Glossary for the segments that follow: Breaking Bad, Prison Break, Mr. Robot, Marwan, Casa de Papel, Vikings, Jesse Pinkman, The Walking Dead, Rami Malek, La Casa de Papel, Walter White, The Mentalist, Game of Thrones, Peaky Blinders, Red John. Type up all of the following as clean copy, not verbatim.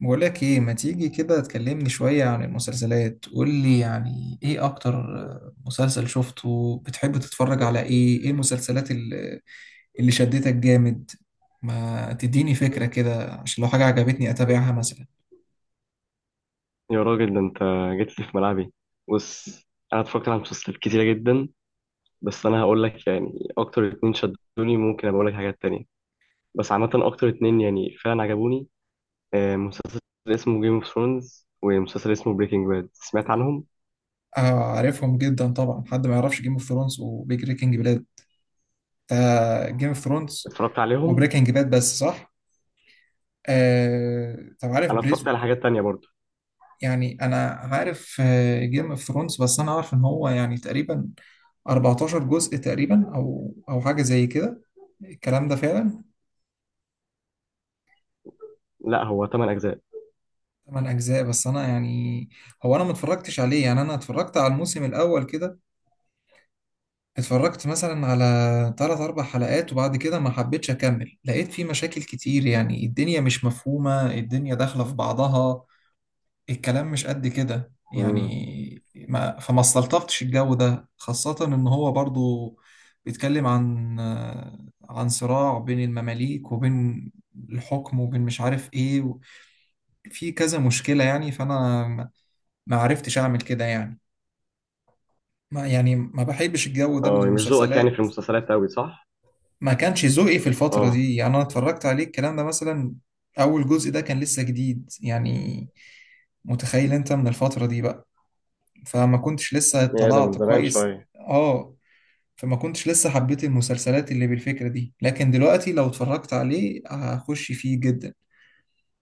بقولك ايه، ما تيجي كده تكلمني شوية عن المسلسلات؟ قولي يعني ايه اكتر مسلسل شفته، بتحب تتفرج على ايه؟ ايه المسلسلات اللي شدتك جامد؟ ما تديني فكرة كده، عشان لو حاجة عجبتني اتابعها مثلا. يا راجل، ده انت جيت لي في ملعبي. بص، انا اتفرجت على مسلسلات كتيره جدا. بس انا هقول لك يعني اكتر اتنين شدوني، ممكن ابقى اقول لك حاجات تانية. بس عامه اكتر اتنين يعني فعلا عجبوني. مسلسل اسمه جيم اوف ثرونز ومسلسل اسمه بريكنج باد، سمعت عنهم؟ آه، عارفهم جدا طبعا. حد ما يعرفش جيم اوف ثرونز وبريكنج باد؟ ده جيم اوف ثرونز اتفرجت عليهم. وبريكنج باد، بس صح؟ آه طب عارف انا اتفرجت بريز. على حاجات تانية برضو. يعني انا عارف جيم اوف ثرونز، بس انا عارف ان هو يعني تقريبا 14 جزء تقريبا او حاجه زي كده الكلام ده فعلا. لا، هو تمن اجزاء. 8 اجزاء، بس انا يعني هو انا ما اتفرجتش عليه يعني. انا اتفرجت على الموسم الاول كده، اتفرجت مثلا على 3 4 حلقات، وبعد كده ما حبيتش اكمل. لقيت فيه مشاكل كتير يعني، الدنيا مش مفهومه، الدنيا داخله في بعضها، الكلام مش قد كده امم. يعني. ما فما استلطفتش الجو ده، خاصة إن هو برضو بيتكلم عن عن صراع بين المماليك وبين الحكم وبين مش عارف إيه في كذا مشكلة يعني. فأنا ما عرفتش أعمل كده يعني. ما يعني ما بحبش الجو ده من اه، مش ذوقك يعني في المسلسلات. المسلسلات قوي، صح؟ ما كانش ذوقي في الفترة اه، دي يعني، أنا اتفرجت عليه الكلام ده مثلا. أول جزء ده كان لسه جديد يعني. متخيل أنت من الفترة دي بقى. فما كنتش لسه يا ده من طلعت زمان كويس، شويه. اه. فما كنتش لسه حبيت المسلسلات اللي بالفكرة دي، لكن دلوقتي لو اتفرجت عليه هخش فيه جدا،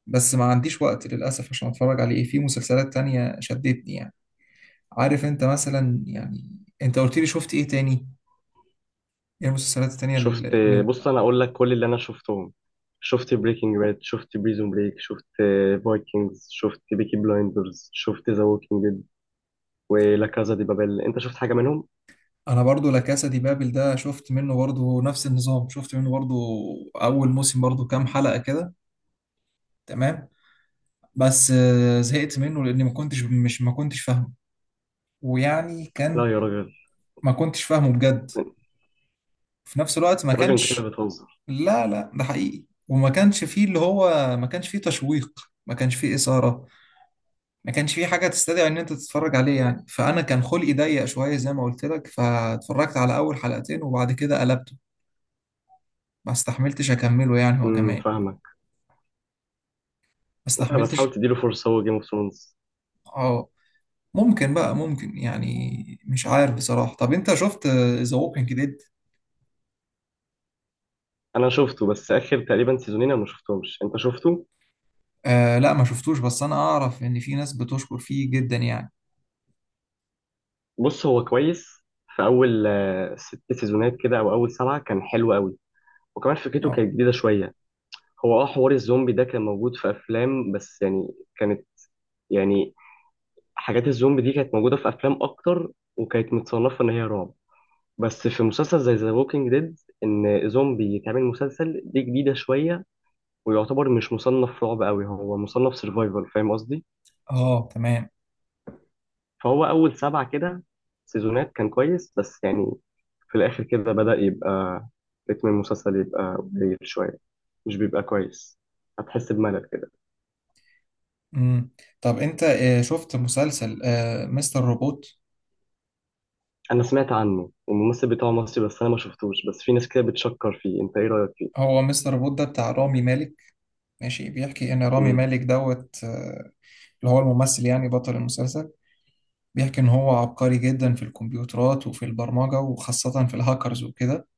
بس ما عنديش وقت للأسف عشان اتفرج عليه. في مسلسلات تانية شدتني يعني. عارف انت مثلا يعني، انت قلت لي شفت ايه تاني؟ ايه المسلسلات التانية شفت. بص، انا اقول لك كل اللي انا شفتهم. شفت بريكنج باد، شفت بريزون بريك، شفت فايكنجز، شفت بيكي بلايندرز، شفت ذا ووكينج ديد ولا كازا دي بابل، انت شفت حاجه منهم؟ انا برضو لا كاسا دي بابل ده، شفت منه برضو نفس النظام، شفت منه برضو اول موسم، برضو كام حلقة كده. تمام، بس زهقت منه لاني ما كنتش فاهمه. ويعني لا كان يا راجل. ما كنتش فاهمه بجد. يا في نفس الوقت ما راجل، انت كده كانش، بتهزر. لا لا ده حقيقي. وما كانش فيه اللي هو، ما كانش فيه تشويق، ما كانش فيه إثارة، ما كانش فيه حاجة تستدعي إن أنت تتفرج عليه يعني. فأنا كان خلقي ضيق شوية زي ما قلت لك، فاتفرجت على أول حلقتين وبعد كده قلبته. ما استحملتش أكمله يعني، هو كمان امم، ما فاهمك. لا، بس حاول استحملتش. تديله فرصه، هو جيم اوف ثرونز. اه. ممكن بقى، ممكن يعني، مش عارف بصراحة. طب أنت شفت ذا ووكينج ديد؟ انا شفته بس اخر تقريبا سيزونين انا ما شفتهمش، انت شفته؟ آه لا ما شفتوش، بس أنا أعرف إن في ناس بتشكر فيه جدا يعني. بص، هو كويس. في اول ست سيزونات كده او اول سبعه كان حلو قوي، وكمان فكرته اه. كانت جديده شويه. هو حوار الزومبي ده كان موجود في افلام، بس يعني كانت، يعني حاجات الزومبي دي كانت موجوده في افلام اكتر، وكانت متصنفه ان هي رعب. بس في مسلسل زي ذا ووكينج ديد ان زومبي يتعمل مسلسل دي جديده شويه، ويعتبر مش مصنف رعب قوي، هو مصنف سرفايفل، فاهم قصدي؟ اه، تمام. فهو اول سبعه كده سيزونات كان كويس، بس يعني في الاخر كده بدأ يبقى رتم المسلسل يبقى قليل شويه، مش بيبقى كويس، هتحس بملل. مم. طب انت شفت مسلسل مستر روبوت؟ انا سمعت عنه والممثل بتاعه مصري، بس انا ما شفتوش، بس في ناس كده بتشكر فيه، انت ايه رايك فيه؟ هو مستر روبوت ده بتاع رامي مالك، ماشي. بيحكي ان رامي امم. مالك دوت اللي هو الممثل، يعني بطل المسلسل. بيحكي ان هو عبقري جدا في الكمبيوترات وفي البرمجة، وخاصة في الهاكرز وكده.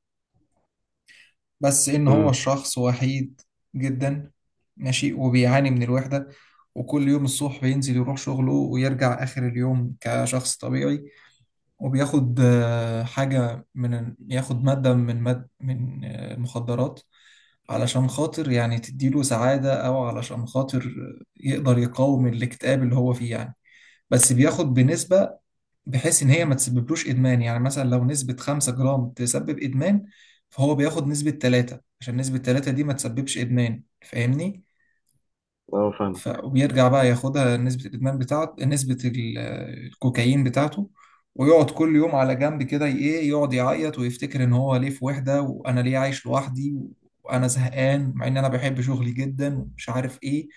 بس ان هو امم. شخص وحيد جدا، ماشي. وبيعاني من الوحدة. وكل يوم الصبح بينزل يروح شغله ويرجع آخر اليوم كشخص طبيعي. وبياخد حاجة من ياخد مادة من ماد من آه، مخدرات، علشان خاطر يعني تديله سعادة، أو علشان خاطر يقدر يقاوم الاكتئاب اللي هو فيه يعني. بس بياخد بنسبة بحيث إن هي ما تسببلوش إدمان. يعني مثلا لو نسبة خمسة جرام تسبب إدمان، فهو بياخد نسبة تلاتة، عشان نسبة تلاتة دي ما تسببش إدمان. فاهمني؟ اه، فاهمك. ويرجع بقى ياخدها نسبة الإدمان بتاعت الكوكايين بتاعته. ويقعد كل يوم على جنب كده إيه، يقعد يعيط ويفتكر إن هو ليه في وحدة، وأنا ليه عايش لوحدي، وأنا زهقان مع إن أنا بحب شغلي جدا، ومش عارف إيه.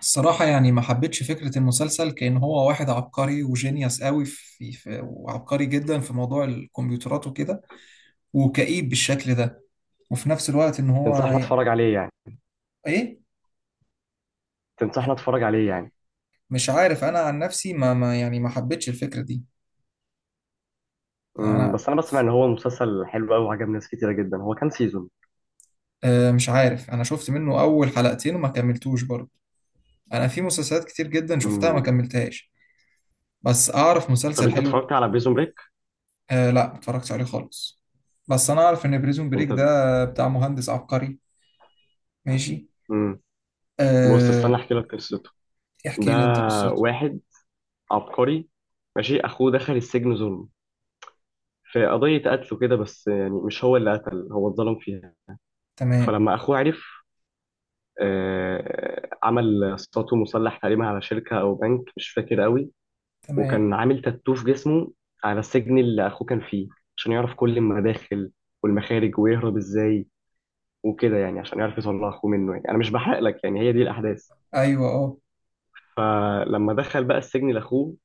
الصراحة يعني ما حبيتش فكرة المسلسل، كأن هو واحد عبقري وجينيوس قوي في... وعبقري جدا في موضوع الكمبيوترات وكده، وكئيب بالشكل ده. وفي نفس الوقت إن هو تنصحنا اتفرج عليه يعني إيه. تنصحنا يعني اتفرج عليه يعني؟ مش عارف أنا عن نفسي ما يعني ما حبيتش الفكرة دي امم، انا. بس انا بسمع ان هو مسلسل حلو قوي وعجب ناس كتيره جدا. هو كام سيزون؟ مش عارف، انا شفت منه اول حلقتين وما كملتوش برضه. انا في مسلسلات كتير جدا شفتها ما امم. كملتهاش، بس اعرف طب مسلسل انت حلو. اتفرجت على بريزون بريك؟ آه لا ما اتفرجتش عليه خالص، بس انا اعرف ان بريزون بريك انت. ده بتاع مهندس عبقري، ماشي. امم. بص، آه. استنى احكي لك قصته. ده احكي لي انت قصته. واحد عبقري، ماشي. اخوه دخل السجن ظلم في قضيه قتل كده، بس يعني مش هو اللي قتل، هو اتظلم فيها. تمام. فلما اخوه عرف، عمل سطو مسلح تقريبا على شركة أو بنك، مش فاكر قوي. تمام. وكان عامل تاتو في جسمه على السجن اللي أخوه كان فيه، عشان يعرف كل المداخل والمخارج ويهرب إزاي، وكده يعني عشان يعرف يطلع أخوه منه. يعني أنا مش بحرق لك، يعني هي دي الأحداث. ايوه اه. فلما دخل بقى السجن لأخوه،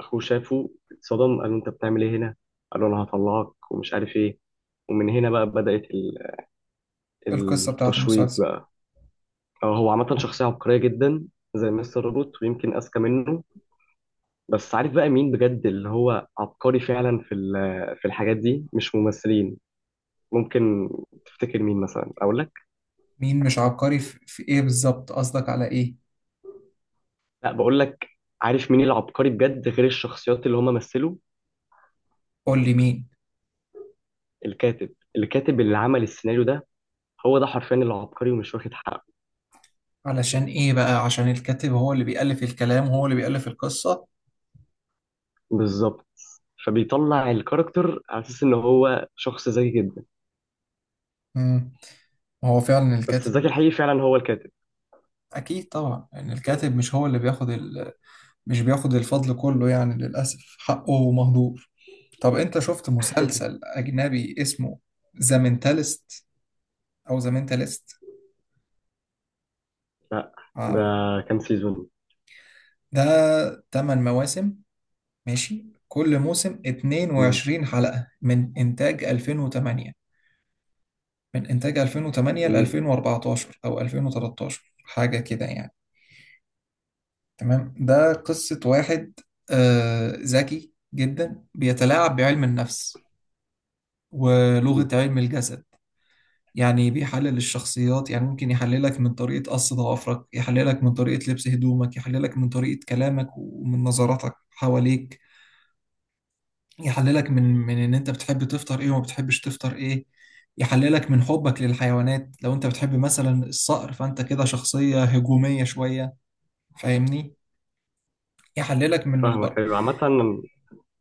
أخوه شافه اتصدم، قال له: أنت بتعمل إيه هنا؟ قال له: أنا هطلعك ومش عارف إيه. ومن هنا بقى بدأت القصة بتاعت التشويق المسلسل. بقى. هو عامة شخصية عبقرية جدا زي مستر روبوت، ويمكن أذكى منه. بس عارف بقى مين بجد اللي هو عبقري فعلا في الحاجات دي؟ مش ممثلين. ممكن تفتكر مين مثلا؟ اقول لك. مين مش عبقري في ايه بالظبط؟ قصدك على ايه؟ لا، بقول لك، عارف مين العبقري بجد غير الشخصيات اللي هم مثلوا؟ قول لي مين. الكاتب اللي عمل السيناريو ده، هو ده حرفيا العبقري ومش واخد حقه. علشان ايه بقى؟ عشان الكاتب هو اللي بيألف الكلام، وهو اللي بيألف القصة. بالظبط. فبيطلع الكاركتر على اساس ان هو شخص ذكي جدا، هو فعلا بس الذكي الكاتب. الحقيقي فعلا هو الكاتب. اكيد طبعا، يعني الكاتب مش هو اللي بياخد مش بياخد الفضل كله يعني، للاسف حقه مهدور. طب انت شفت مسلسل اجنبي اسمه ذا مينتالست، او ذا مينتالست؟ لا. ده كام سيزون؟ ده 8 مواسم، ماشي. كل موسم امم. 22 حلقة، من انتاج 2008. ل امم، 2014 او 2013 حاجة كده يعني. تمام. ده قصة واحد ذكي جدا، بيتلاعب بعلم النفس ولغة علم الجسد. يعني بيحلل الشخصيات. يعني ممكن يحللك من طريقة قص ضوافرك، يحللك من طريقة لبس هدومك، يحللك من طريقة كلامك ومن نظراتك حواليك، يحللك من ان انت بتحب تفطر ايه وما بتحبش تفطر ايه، يحللك من حبك للحيوانات. لو انت بتحب مثلا الصقر، فانت كده شخصية هجومية شوية، فاهمني؟ يحللك من فاهمك. البر. ايوه، عامة.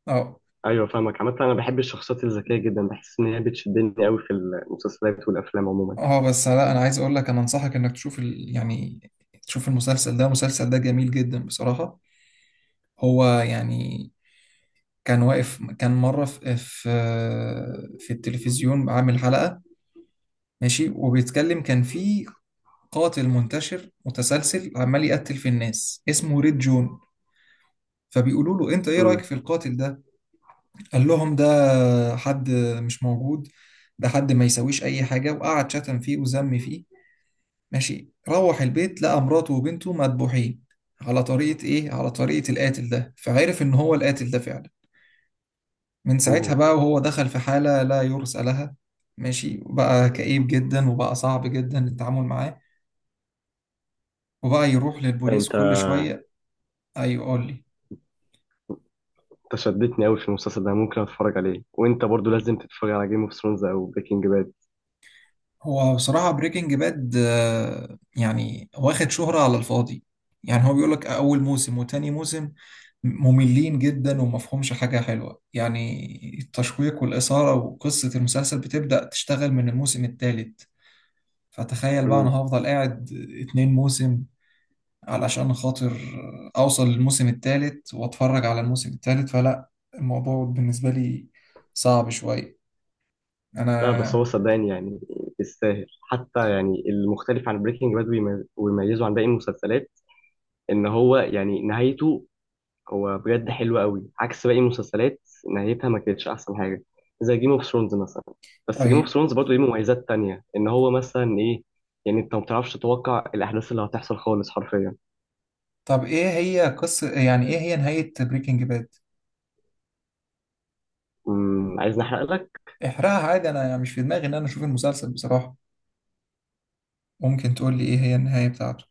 اه. ايوه، فاهمك عامة. انا بحب الشخصيات الذكية جدا، بحس ان هي بتشدني قوي في المسلسلات والافلام عموما. اه، بس لا، انا عايز اقول لك، انا انصحك انك تشوف يعني تشوف المسلسل ده. المسلسل ده جميل جدا بصراحة. هو يعني كان واقف، كان مرة في التلفزيون عامل حلقة، ماشي، وبيتكلم. كان في قاتل منتشر متسلسل عمال يقتل في الناس، اسمه ريد جون. فبيقولوا له انت ايه رأيك امم. في القاتل ده؟ قال لهم ده حد مش موجود، ده حد ما يسويش اي حاجة. وقعد شتم فيه وذم فيه، ماشي. روح البيت لقى مراته وبنته مذبوحين، على طريقة إيه؟ على طريقة القاتل ده. فعرف إن هو القاتل ده فعلا. من ساعتها اوه. بقى وهو دخل في حالة لا يرثى لها، ماشي. وبقى كئيب جدا، وبقى صعب جدا التعامل معاه، وبقى يروح لا للبوليس انت كل شوية. أيوه قول لي. انت شدتني قوي في المسلسل ده، ممكن اتفرج عليه. وانت برضو لازم تتفرج على جيم اوف ثرونز او بريكنج باد. هو بصراحة بريكنج باد يعني واخد شهرة على الفاضي. يعني هو بيقولك أول موسم وتاني موسم مملين جدا، ومفهومش حاجة حلوة يعني. التشويق والإثارة وقصة المسلسل بتبدأ تشتغل من الموسم التالت. فتخيل بقى أنا امم. هفضل قاعد اتنين موسم علشان خاطر أوصل للموسم التالت وأتفرج على الموسم التالت. فلا، الموضوع بالنسبة لي صعب شوية، لا، أنا. بس هو صدقني يعني يستاهل. حتى يعني المختلف عن بريكنج باد ويميزه عن باقي المسلسلات ان هو يعني نهايته، هو بجد حلو قوي عكس باقي المسلسلات، نهايتها ما كانتش احسن حاجه، زي جيم اوف ثرونز مثلا. بس جيم اوف طيب. ثرونز برضه ليه مميزات تانية، ان هو مثلا ايه، يعني انت ما بتعرفش تتوقع الاحداث اللي هتحصل خالص حرفيا. طب ايه هي قصة، يعني ايه هي نهاية بريكنج باد؟ امم، عايز نحرق لك؟ احرقها عادي، انا يعني مش في دماغي ان انا اشوف المسلسل بصراحة. ممكن تقول لي ايه هي النهاية بتاعته؟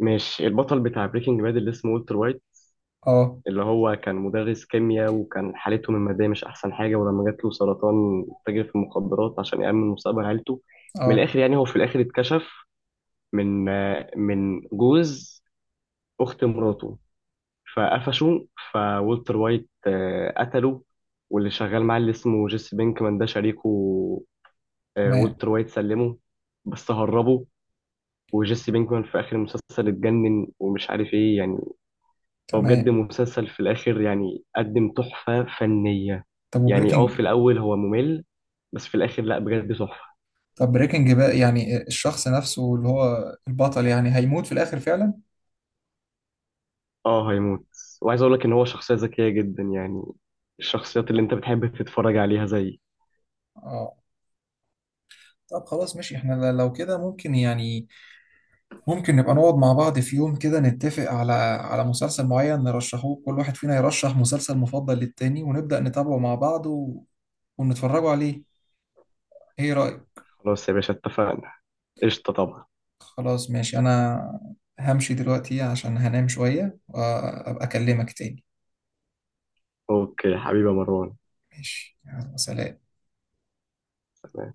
مش البطل بتاع بريكنج باد اللي اسمه والتر وايت، اه. اللي هو كان مدرس كيمياء وكان حالته من المادية مش أحسن حاجة، ولما جات له سرطان تاجر في المخدرات عشان يأمن مستقبل عيلته. من اه، الآخر يعني هو في الآخر اتكشف من جوز أخت مراته فقفشوا فولتر وايت، قتله. واللي شغال معاه اللي اسمه جيسي بينكمان ده شريكه. تمام. والتر وايت سلمه بس هربه. وجيسي بينكمان في آخر المسلسل اتجنن ومش عارف ايه يعني. هو بجد تمام. مسلسل في الآخر يعني قدم تحفة فنية. طب يعني في وبريكنج الأول هو ممل، بس في الآخر لا، بجد تحفة. طب بريكنج باد يعني الشخص نفسه اللي هو البطل، يعني هيموت في الاخر فعلا؟ اه، هيموت. وعايز اقول لك ان هو شخصية ذكية جدا، يعني الشخصيات اللي انت بتحب تتفرج عليها زي. اه. طب خلاص ماشي. احنا لو كده ممكن يعني، ممكن نبقى نقعد مع بعض في يوم كده، نتفق على مسلسل معين نرشحوه. كل واحد فينا يرشح مسلسل مفضل للتاني، ونبدأ نتابعه مع بعض، ونتفرجوا عليه. ايه رأيك؟ خلاص يا باشا، اتفقنا. قشطة طبعا. خلاص ماشي، انا همشي دلوقتي عشان هنام شوية، وابقى اكلمك تاني. اوكي حبيبي يا مروان. ماشي، يلا سلام. سلام.